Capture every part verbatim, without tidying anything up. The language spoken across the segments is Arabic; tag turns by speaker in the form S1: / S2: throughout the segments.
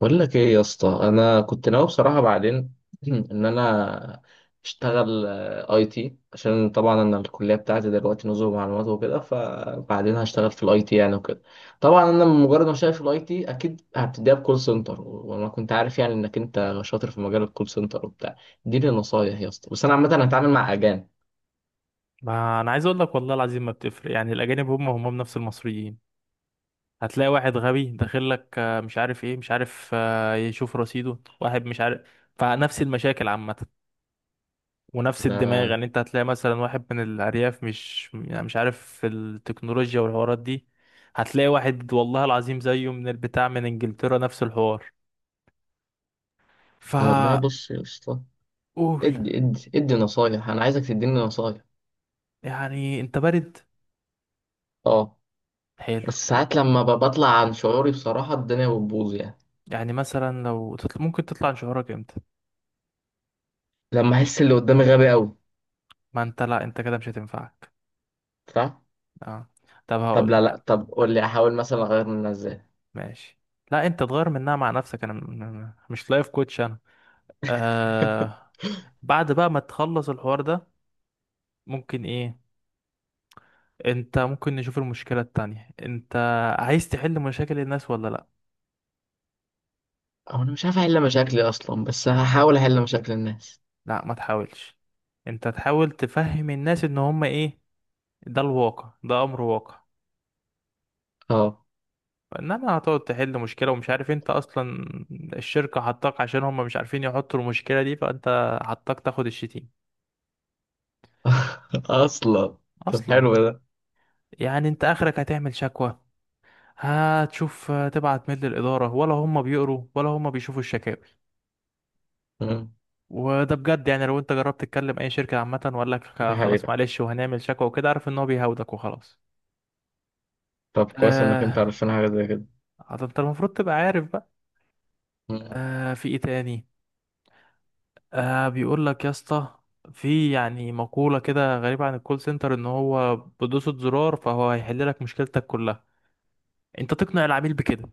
S1: بقول لك ايه يا اسطى، انا كنت ناوي بصراحه بعدين. ان انا اشتغل اي تي عشان طبعا انا الكليه بتاعتي دلوقتي نظم معلومات وكده، فبعدين هشتغل في الاي تي يعني وكده. طبعا انا مجرد ما شايف في الاي تي اكيد هبتديها بكول سنتر، وانا كنت عارف يعني انك انت شاطر في مجال الكول سنتر وبتاع. اديني نصايح يا اسطى، بس انا عامه هتعامل مع اجانب.
S2: ما انا عايز اقول لك والله العظيم ما بتفرق. يعني الاجانب هم هم نفس المصريين. هتلاقي واحد غبي داخل لك آه، مش عارف ايه، مش عارف آه، يشوف رصيده واحد مش عارف. فنفس المشاكل عامه، ونفس الدماغ.
S1: لا.
S2: يعني انت هتلاقي مثلا واحد من الارياف مش، يعني مش عارف في التكنولوجيا والحوارات دي. هتلاقي واحد والله العظيم زيه من البتاع، من انجلترا، نفس الحوار.
S1: والله
S2: فقول.
S1: بص يا اسطى، ادي ادي ادي نصايح، انا عايزك تديني نصايح.
S2: يعني انت بارد.
S1: اه.
S2: حلو.
S1: بس ساعات لما ب- بطلع عن شعوري بصراحة الدنيا بتبوظ يعني.
S2: يعني مثلا لو تطل... ممكن تطلع عن شعورك امتى؟
S1: لما أحس اللي قدامي غبي أوي.
S2: ما انت، لا انت كده مش هتنفعك.
S1: صح؟
S2: اه. طب هقول
S1: طب لا لا،
S2: لك.
S1: طب قول لي أحاول مثلا أغير منها إزاي؟
S2: ماشي. لا انت تغير منها مع نفسك، انا م- م- مش لايف كوتش انا. آه. بعد بقى ما تخلص الحوار ده ممكن ايه. انت ممكن نشوف المشكلة التانية. انت عايز تحل مشاكل الناس ولا لا؟
S1: أو أنا مش عارف أحل مشاكلي أصلا، بس هحاول أحل مشاكل الناس.
S2: لا ما تحاولش. انت تحاول تفهم الناس ان هم ايه. ده الواقع، ده امر واقع.
S1: أه.
S2: انما هتقعد تحل مشكلة ومش عارف انت اصلا. الشركة حطاك عشان هم مش عارفين يحطوا المشكلة دي، فانت حطاك تاخد الشتيم.
S1: أصلا. طب
S2: اصلا
S1: حلو ده.
S2: يعني انت اخرك هتعمل شكوى. هتشوف تبعت ميل للإدارة، ولا هم بيقروا ولا هم بيشوفوا الشكاوي.
S1: مم.
S2: وده بجد، يعني لو انت جربت تتكلم اي شركة عامة وقال لك
S1: دي
S2: خلاص
S1: حقيقة.
S2: معلش وهنعمل شكوى وكده، عارف ان هو بيهاودك وخلاص.
S1: طب كويس إنك أنت
S2: آه.
S1: عرفتنا حاجة زي كده.
S2: ده انت المفروض تبقى عارف بقى.
S1: مم.
S2: آه في ايه تاني؟ آه بيقول لك يا اسطى، في يعني مقولة كده غريبة عن الكول سنتر، ان هو بدوسة زرار فهو هيحل لك مشكلتك كلها. انت تقنع العميل بكده.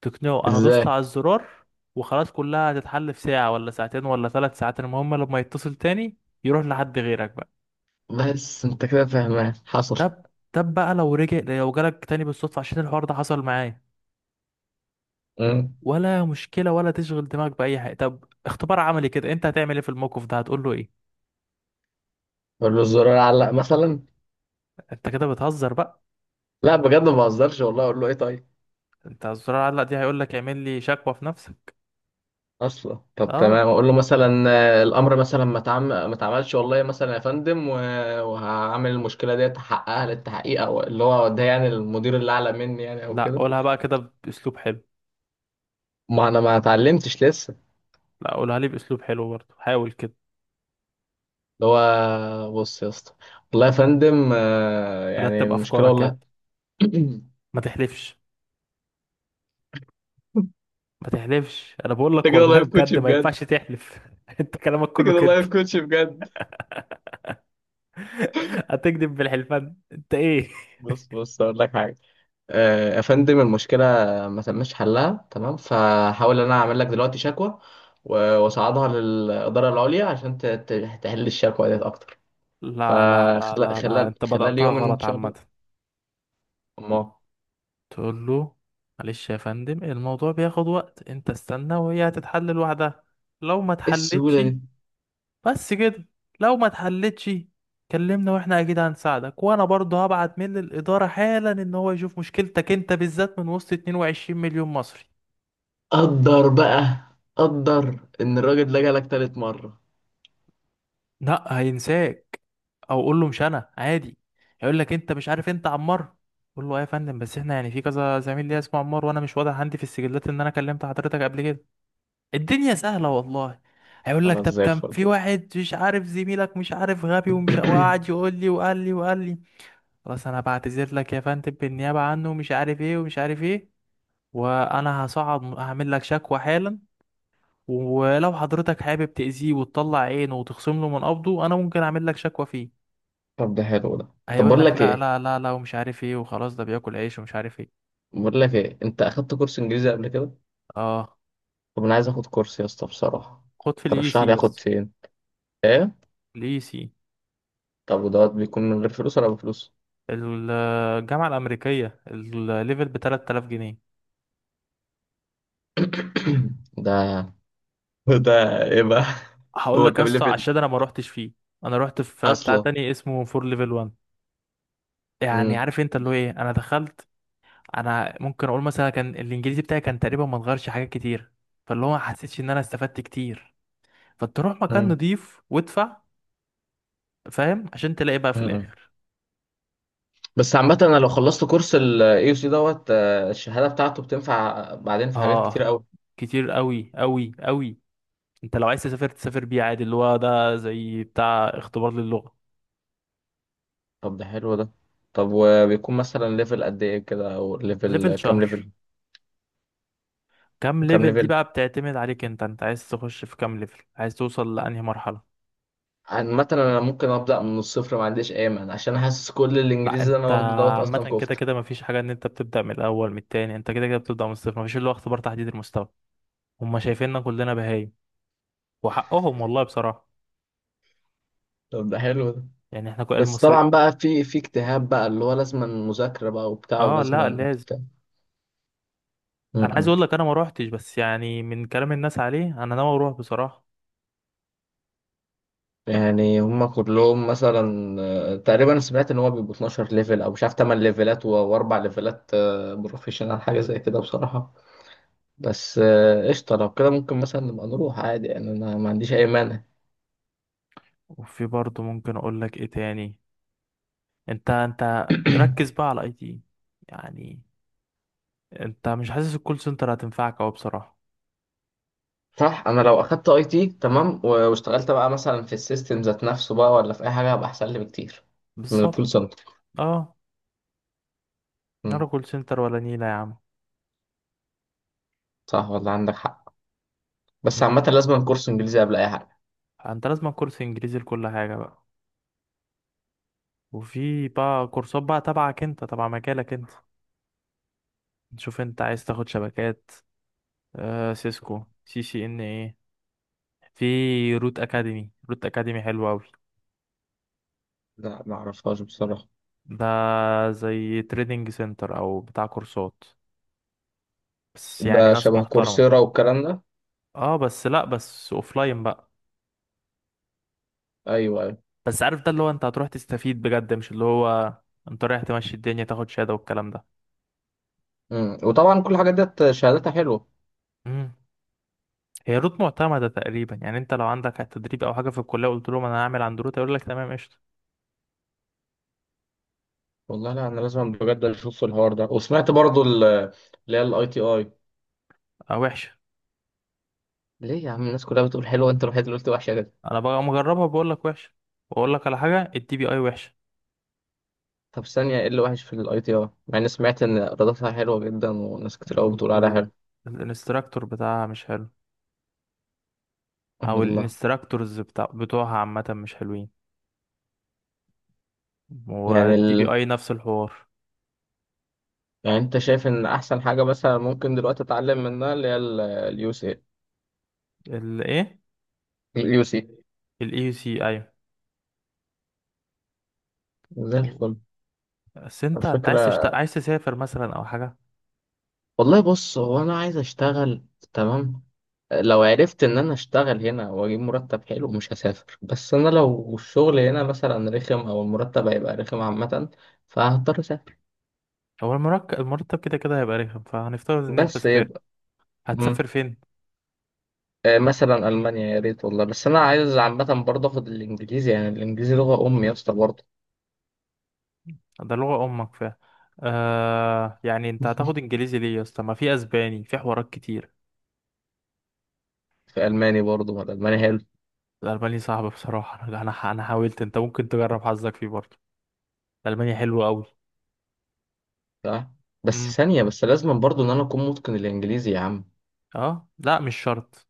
S2: تقنعه انا دوست
S1: إزاي؟
S2: على الزرار وخلاص، كلها هتتحل في ساعة ولا ساعتين ولا ثلاث ساعات. المهم لما يتصل تاني يروح لحد غيرك بقى.
S1: بس أنت كده فاهمان حصل.
S2: طب، طب بقى لو رجع لو جالك تاني بالصدفة عشان الحوار ده حصل معايا.
S1: مم.
S2: ولا مشكلة، ولا تشغل دماغك بأي حاجة. طب اختبار عملي كده، انت هتعمل ايه في الموقف ده؟ هتقول له ايه؟
S1: أقول له الزرار علق مثلا.
S2: انت كده بتهزر بقى.
S1: لا بجد ما بهزرش، والله أقول له إيه طيب؟
S2: انت الزرار علق دي، هيقول لك اعمل لي شكوى في نفسك.
S1: اصلا طب
S2: اه
S1: تمام، اقول له مثلا آه، الامر مثلا ما اتعم- ما اتعملش والله مثلا يا فندم، و- وهعمل المشكله دي احققها للتحقيق، او اللي هو ده يعني المدير اللي اعلى مني يعني او
S2: لا
S1: كده.
S2: قولها بقى كده بأسلوب حلو.
S1: ما انا ما اتعلمتش لسه.
S2: لا قولها لي بأسلوب حلو برضه، حاول كده.
S1: اللي هو بص يا اسطى، والله يا فندم آه، يعني
S2: رتب
S1: المشكله
S2: أفكارك يا ابني.
S1: والله.
S2: ما تحلفش.
S1: انت
S2: ما تحلفش. انا بقول لك
S1: كده
S2: والله
S1: لايف كوتش
S2: بجد ما
S1: بجد.
S2: ينفعش تحلف انت كلامك
S1: انت
S2: كله
S1: كده
S2: كده.
S1: لايف كوتش بجد.
S2: هتكذب بالحلفان انت ايه؟
S1: بص بص اقول لك حاجه. آه، يا فندم، المشكلة ما تمش حلها تمام، فحاول أنا أعمل لك دلوقتي شكوى، و- وأصعدها للإدارة العليا عشان ت- ت- تحل الشكوى ديت أكتر،
S2: لا لا لا
S1: فخلال
S2: لا لا،
S1: خلال
S2: انت
S1: خلال
S2: بدأتها
S1: يوم إن
S2: غلط
S1: شاء
S2: عامة.
S1: الله. أما
S2: تقول له معلش يا فندم، الموضوع بياخد وقت، انت استنى وهي هتتحل لوحدها. لو ما
S1: إيه
S2: اتحلتش.
S1: السهولة دي؟
S2: بس كده. لو ما اتحلتش كلمنا، واحنا اكيد هنساعدك، وانا برضه هبعت من الإدارة حالا ان هو يشوف مشكلتك انت بالذات من وسط اتنين وعشرين مليون مصري.
S1: قدر بقى، قدر إن الراجل ده جالك تالت مرة.
S2: لا، هينساك. او قول له مش انا، عادي. هيقول لك انت مش عارف، انت عمار. قول له ايه يا فندم، بس احنا يعني في كذا زميل ليا اسمه عمار، وانا مش واضح عندي في السجلات ان انا كلمت حضرتك قبل كده. الدنيا سهله والله. هيقول لك
S1: خلاص
S2: طب
S1: زي
S2: كان
S1: الفل.
S2: في واحد مش عارف زميلك، مش عارف غبي، ومش، وقعد يقول لي وقال لي وقال لي. خلاص انا بعتذر لك يا فندم بالنيابه عنه، ومش عارف ايه ومش عارف ايه، وانا هصعد هعمل لك شكوى حالا. ولو حضرتك حابب تأذيه وتطلع عينه وتخصم له من قبضه، انا ممكن اعمل لك شكوى فيه.
S1: طب ده حلو ده. طب
S2: هيقول
S1: بقول
S2: لك
S1: لك
S2: لا
S1: إيه،
S2: لا لا لا، ومش عارف ايه وخلاص، ده بياكل عيش ومش عارف ايه.
S1: بقول لك إيه، أنت أخدت كورس إنجليزي قبل كده؟
S2: اه.
S1: طب أنا عايز آخد كورس يا اسطى بصراحة.
S2: خد في الاي
S1: ترشح
S2: سي
S1: لي آخد
S2: يس.
S1: فين؟ إيه؟
S2: الاي سي.
S1: طب ودوت بيكون من غير فلوس ولا بفلوس؟
S2: الجامعه الامريكيه، الليفل ب تلات الاف جنيه.
S1: ده. وده ايه بقى؟
S2: هقول
S1: هو
S2: لك
S1: كام
S2: يس
S1: ليفل
S2: عشان انا ما روحتش فيه. انا روحت في بتاع
S1: اصلا؟
S2: تاني اسمه فور ليفل واحد. يعني
S1: مم.
S2: عارف انت اللي هو ايه، انا دخلت. انا ممكن اقول مثلا كان الانجليزي بتاعي كان تقريبا ما اتغيرش حاجات كتير. فاللي هو ما حسيتش ان انا استفدت كتير. فتروح مكان
S1: مم.
S2: نضيف وادفع. فاهم؟ عشان تلاقي بقى في
S1: مم.
S2: الاخر.
S1: بس عامة انا لو خلصت كورس ال إي يو سي دوت آه، الشهادة بتاعته بتنفع بعدين في حاجات كتير
S2: اه.
S1: قوي.
S2: كتير قوي قوي قوي. انت لو عايز تسافر، تسافر بيه عادي، اللي هو ده زي بتاع اختبار للغة.
S1: طب ده حلو ده. طب وبيكون مثلا ليفل قد ايه كده او ليفل،
S2: ليفل
S1: كام
S2: شهر.
S1: ليفل؟
S2: كام
S1: وكام
S2: ليفل دي
S1: ليفل؟
S2: بقى بتعتمد عليك انت. انت عايز تخش في كام ليفل، عايز توصل لأنهي مرحلة.
S1: عامة انا ممكن ابدأ من الصفر، ما عنديش اي مانع، عشان حاسس كل
S2: لا
S1: الانجليزي اللي
S2: انت،
S1: انا واخده دوت
S2: عامة
S1: اصلا
S2: كده
S1: كفتة.
S2: كده مفيش حاجة ان انت بتبدأ من الأول من التاني، انت كده كده بتبدأ من الصفر، مفيش اللي هو اختبار تحديد المستوى. هما شايفيننا كلنا بهايم، وحقهم والله بصراحة.
S1: طب ده حلو.
S2: يعني احنا كل
S1: بس
S2: المصري.
S1: طبعا بقى في في اجتهاد بقى، اللي هو لازم مذاكرة بقى وبتاع
S2: اه لا
S1: ولازم
S2: لازم.
S1: بتاع. م-
S2: انا عايز
S1: م.
S2: اقول لك انا ما روحتش، بس يعني من كلام الناس عليه انا ناوي اروح بصراحة.
S1: يعني هم كلهم مثلا آه، تقريبا سمعت ان هو بيبقوا اتناشر ليفل او مش عارف تمن ليفلات و- واربع ليفلات آه، بروفيشنال حاجة زي كده بصراحة. بس آه، قشطة، لو كده ممكن مثلا نبقى نروح عادي يعني، انا ما عنديش اي مانع.
S2: وفي برضه ممكن اقول لك ايه تاني. انت انت ركز بقى على الاي تي. يعني انت مش حاسس الكول سنتر هتنفعك اوي بصراحة؟
S1: صح، انا لو اخدت اي تي تمام و- واشتغلت بقى مثلا في السيستم ذات نفسه بقى ولا في اي حاجة، هبقى احسن لي بكتير من
S2: بالظبط.
S1: الكول سنتر.
S2: اه.
S1: م.
S2: ولا كول سنتر ولا نيلة يا عم.
S1: صح والله، عندك حق. بس
S2: مم.
S1: عامة لازم كورس انجليزي قبل اي حاجة.
S2: انت لازم كورس انجليزي لكل حاجة بقى. وفي بقى كورسات بقى تبعك انت، تبع مجالك انت. تشوف انت عايز تاخد شبكات. آه سيسكو، سي سي ان ايه. في روت اكاديمي. روت اكاديمي حلو اوي.
S1: لا ما اعرفهاش بصراحة.
S2: ده زي تريدنج سنتر، او بتاع كورسات، بس
S1: ده
S2: يعني ناس
S1: شبه
S2: محترمة.
S1: كورسيرا والكلام ده؟
S2: اه بس لا، بس اوفلاين بقى.
S1: ايوه ايوه.
S2: بس عارف، ده اللي هو انت هتروح تستفيد بجد، مش اللي هو انت رايح تمشي الدنيا تاخد شهادة والكلام ده.
S1: مم. وطبعا كل الحاجات ديت شهاداتها حلوة.
S2: امم. هي روت معتمدة تقريبا، يعني انت لو عندك تدريب او حاجة في الكلية قلت لهم انا هعمل عند روت، يقول لك تمام قشطة.
S1: والله لا، انا لازم بجد اشوف الحوار ده. وسمعت برضو ال- اللي هي الاي تي اي.
S2: اه وحشة.
S1: ليه يا عم؟ الناس كلها بتقول حلوة، انت الوحيد اللي قلت وحشة كده.
S2: انا بقى مجربها بقول لك وحشة. واقول لك على حاجة، الدي بي اي وحشة.
S1: طب ثانية، ايه اللي وحش في الاي تي اي مع اني سمعت ان ايراداتها حلوة جدا وناس كتير قوي
S2: ال-
S1: بتقول عليها
S2: ال-
S1: حلوة؟
S2: الانستراكتور بتاعها مش حلو، او
S1: والله.
S2: الانستراكتورز بتاع بتوعها عامة مش حلوين.
S1: يعني
S2: والدي بي
S1: ال...
S2: اي نفس الحوار.
S1: يعني انت شايف ان احسن حاجة مثلا ممكن دلوقتي اتعلم منها اللي هي اليو سي.
S2: الايه؟
S1: اليو سي.
S2: الاي يو سي، ايوه.
S1: زي الفل.
S2: بس انت انت عايز
S1: الفكرة،
S2: تشت... عايز تسافر مثلا او حاجة؟
S1: والله بص هو انا عايز اشتغل تمام. لو عرفت ان انا اشتغل هنا واجيب مرتب حلو مش هسافر، بس انا لو الشغل هنا مثلا رخم او المرتب هيبقى رخم عامة فهضطر اسافر.
S2: هو المركب المرتب كده كده هيبقى رخم، فهنفترض ان انت
S1: بس
S2: سافرت.
S1: يبقى. مم.
S2: هتسافر فين؟
S1: آه، مثلا المانيا يا ريت والله، بس انا عايز عامة برضه اخد الانجليزي، يعني الانجليزي لغة امي يا اسطى برضه.
S2: ده لغة امك فيها؟ آه يعني انت هتاخد انجليزي ليه يا اسطى؟ ما في اسباني، في حوارات كتير.
S1: في الماني برضه، ما الالماني حلو.
S2: الالماني صعب بصراحة، انا انا أنا حاولت. انت ممكن تجرب حظك فيه برضه. المانيا حلوة قوي.
S1: صح.
S2: امم.
S1: بس ثانية، بس لازم برضه ان انا اكون متقن الانجليزي يا عم.
S2: اه لا مش شرط.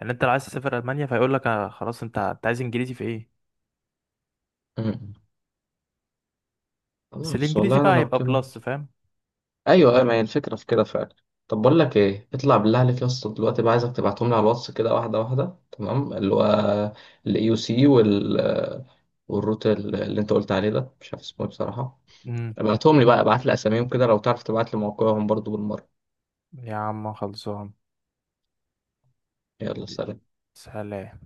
S2: يعني انت لو عايز تسافر المانيا فيقول لك آه خلاص، انت انت عايز انجليزي في ايه؟
S1: مم.
S2: بس
S1: خلاص
S2: الانجليزي
S1: والله، انا
S2: بقى
S1: لو
S2: هيبقى
S1: كده.
S2: بلس، فاهم؟
S1: ايوه ايوه، ما هي الفكره في كده فعلا. طب بقول لك ايه، اطلع بالله عليك يا اسطى، دلوقتي بقى عايزك تبعتهم لي على الواتس كده واحده واحده تمام، اللي هو الاي يو سي وال، والروت ال- اللي انت قلت عليه ده مش عارف اسمه ايه بصراحه.
S2: امم.
S1: ابعتهم لي بقى، ابعت لي اساميهم كده، لو تعرف تبعت لي موقعهم برضو بالمره.
S2: يا عم خلصان.
S1: يلا سلام.
S2: سلام.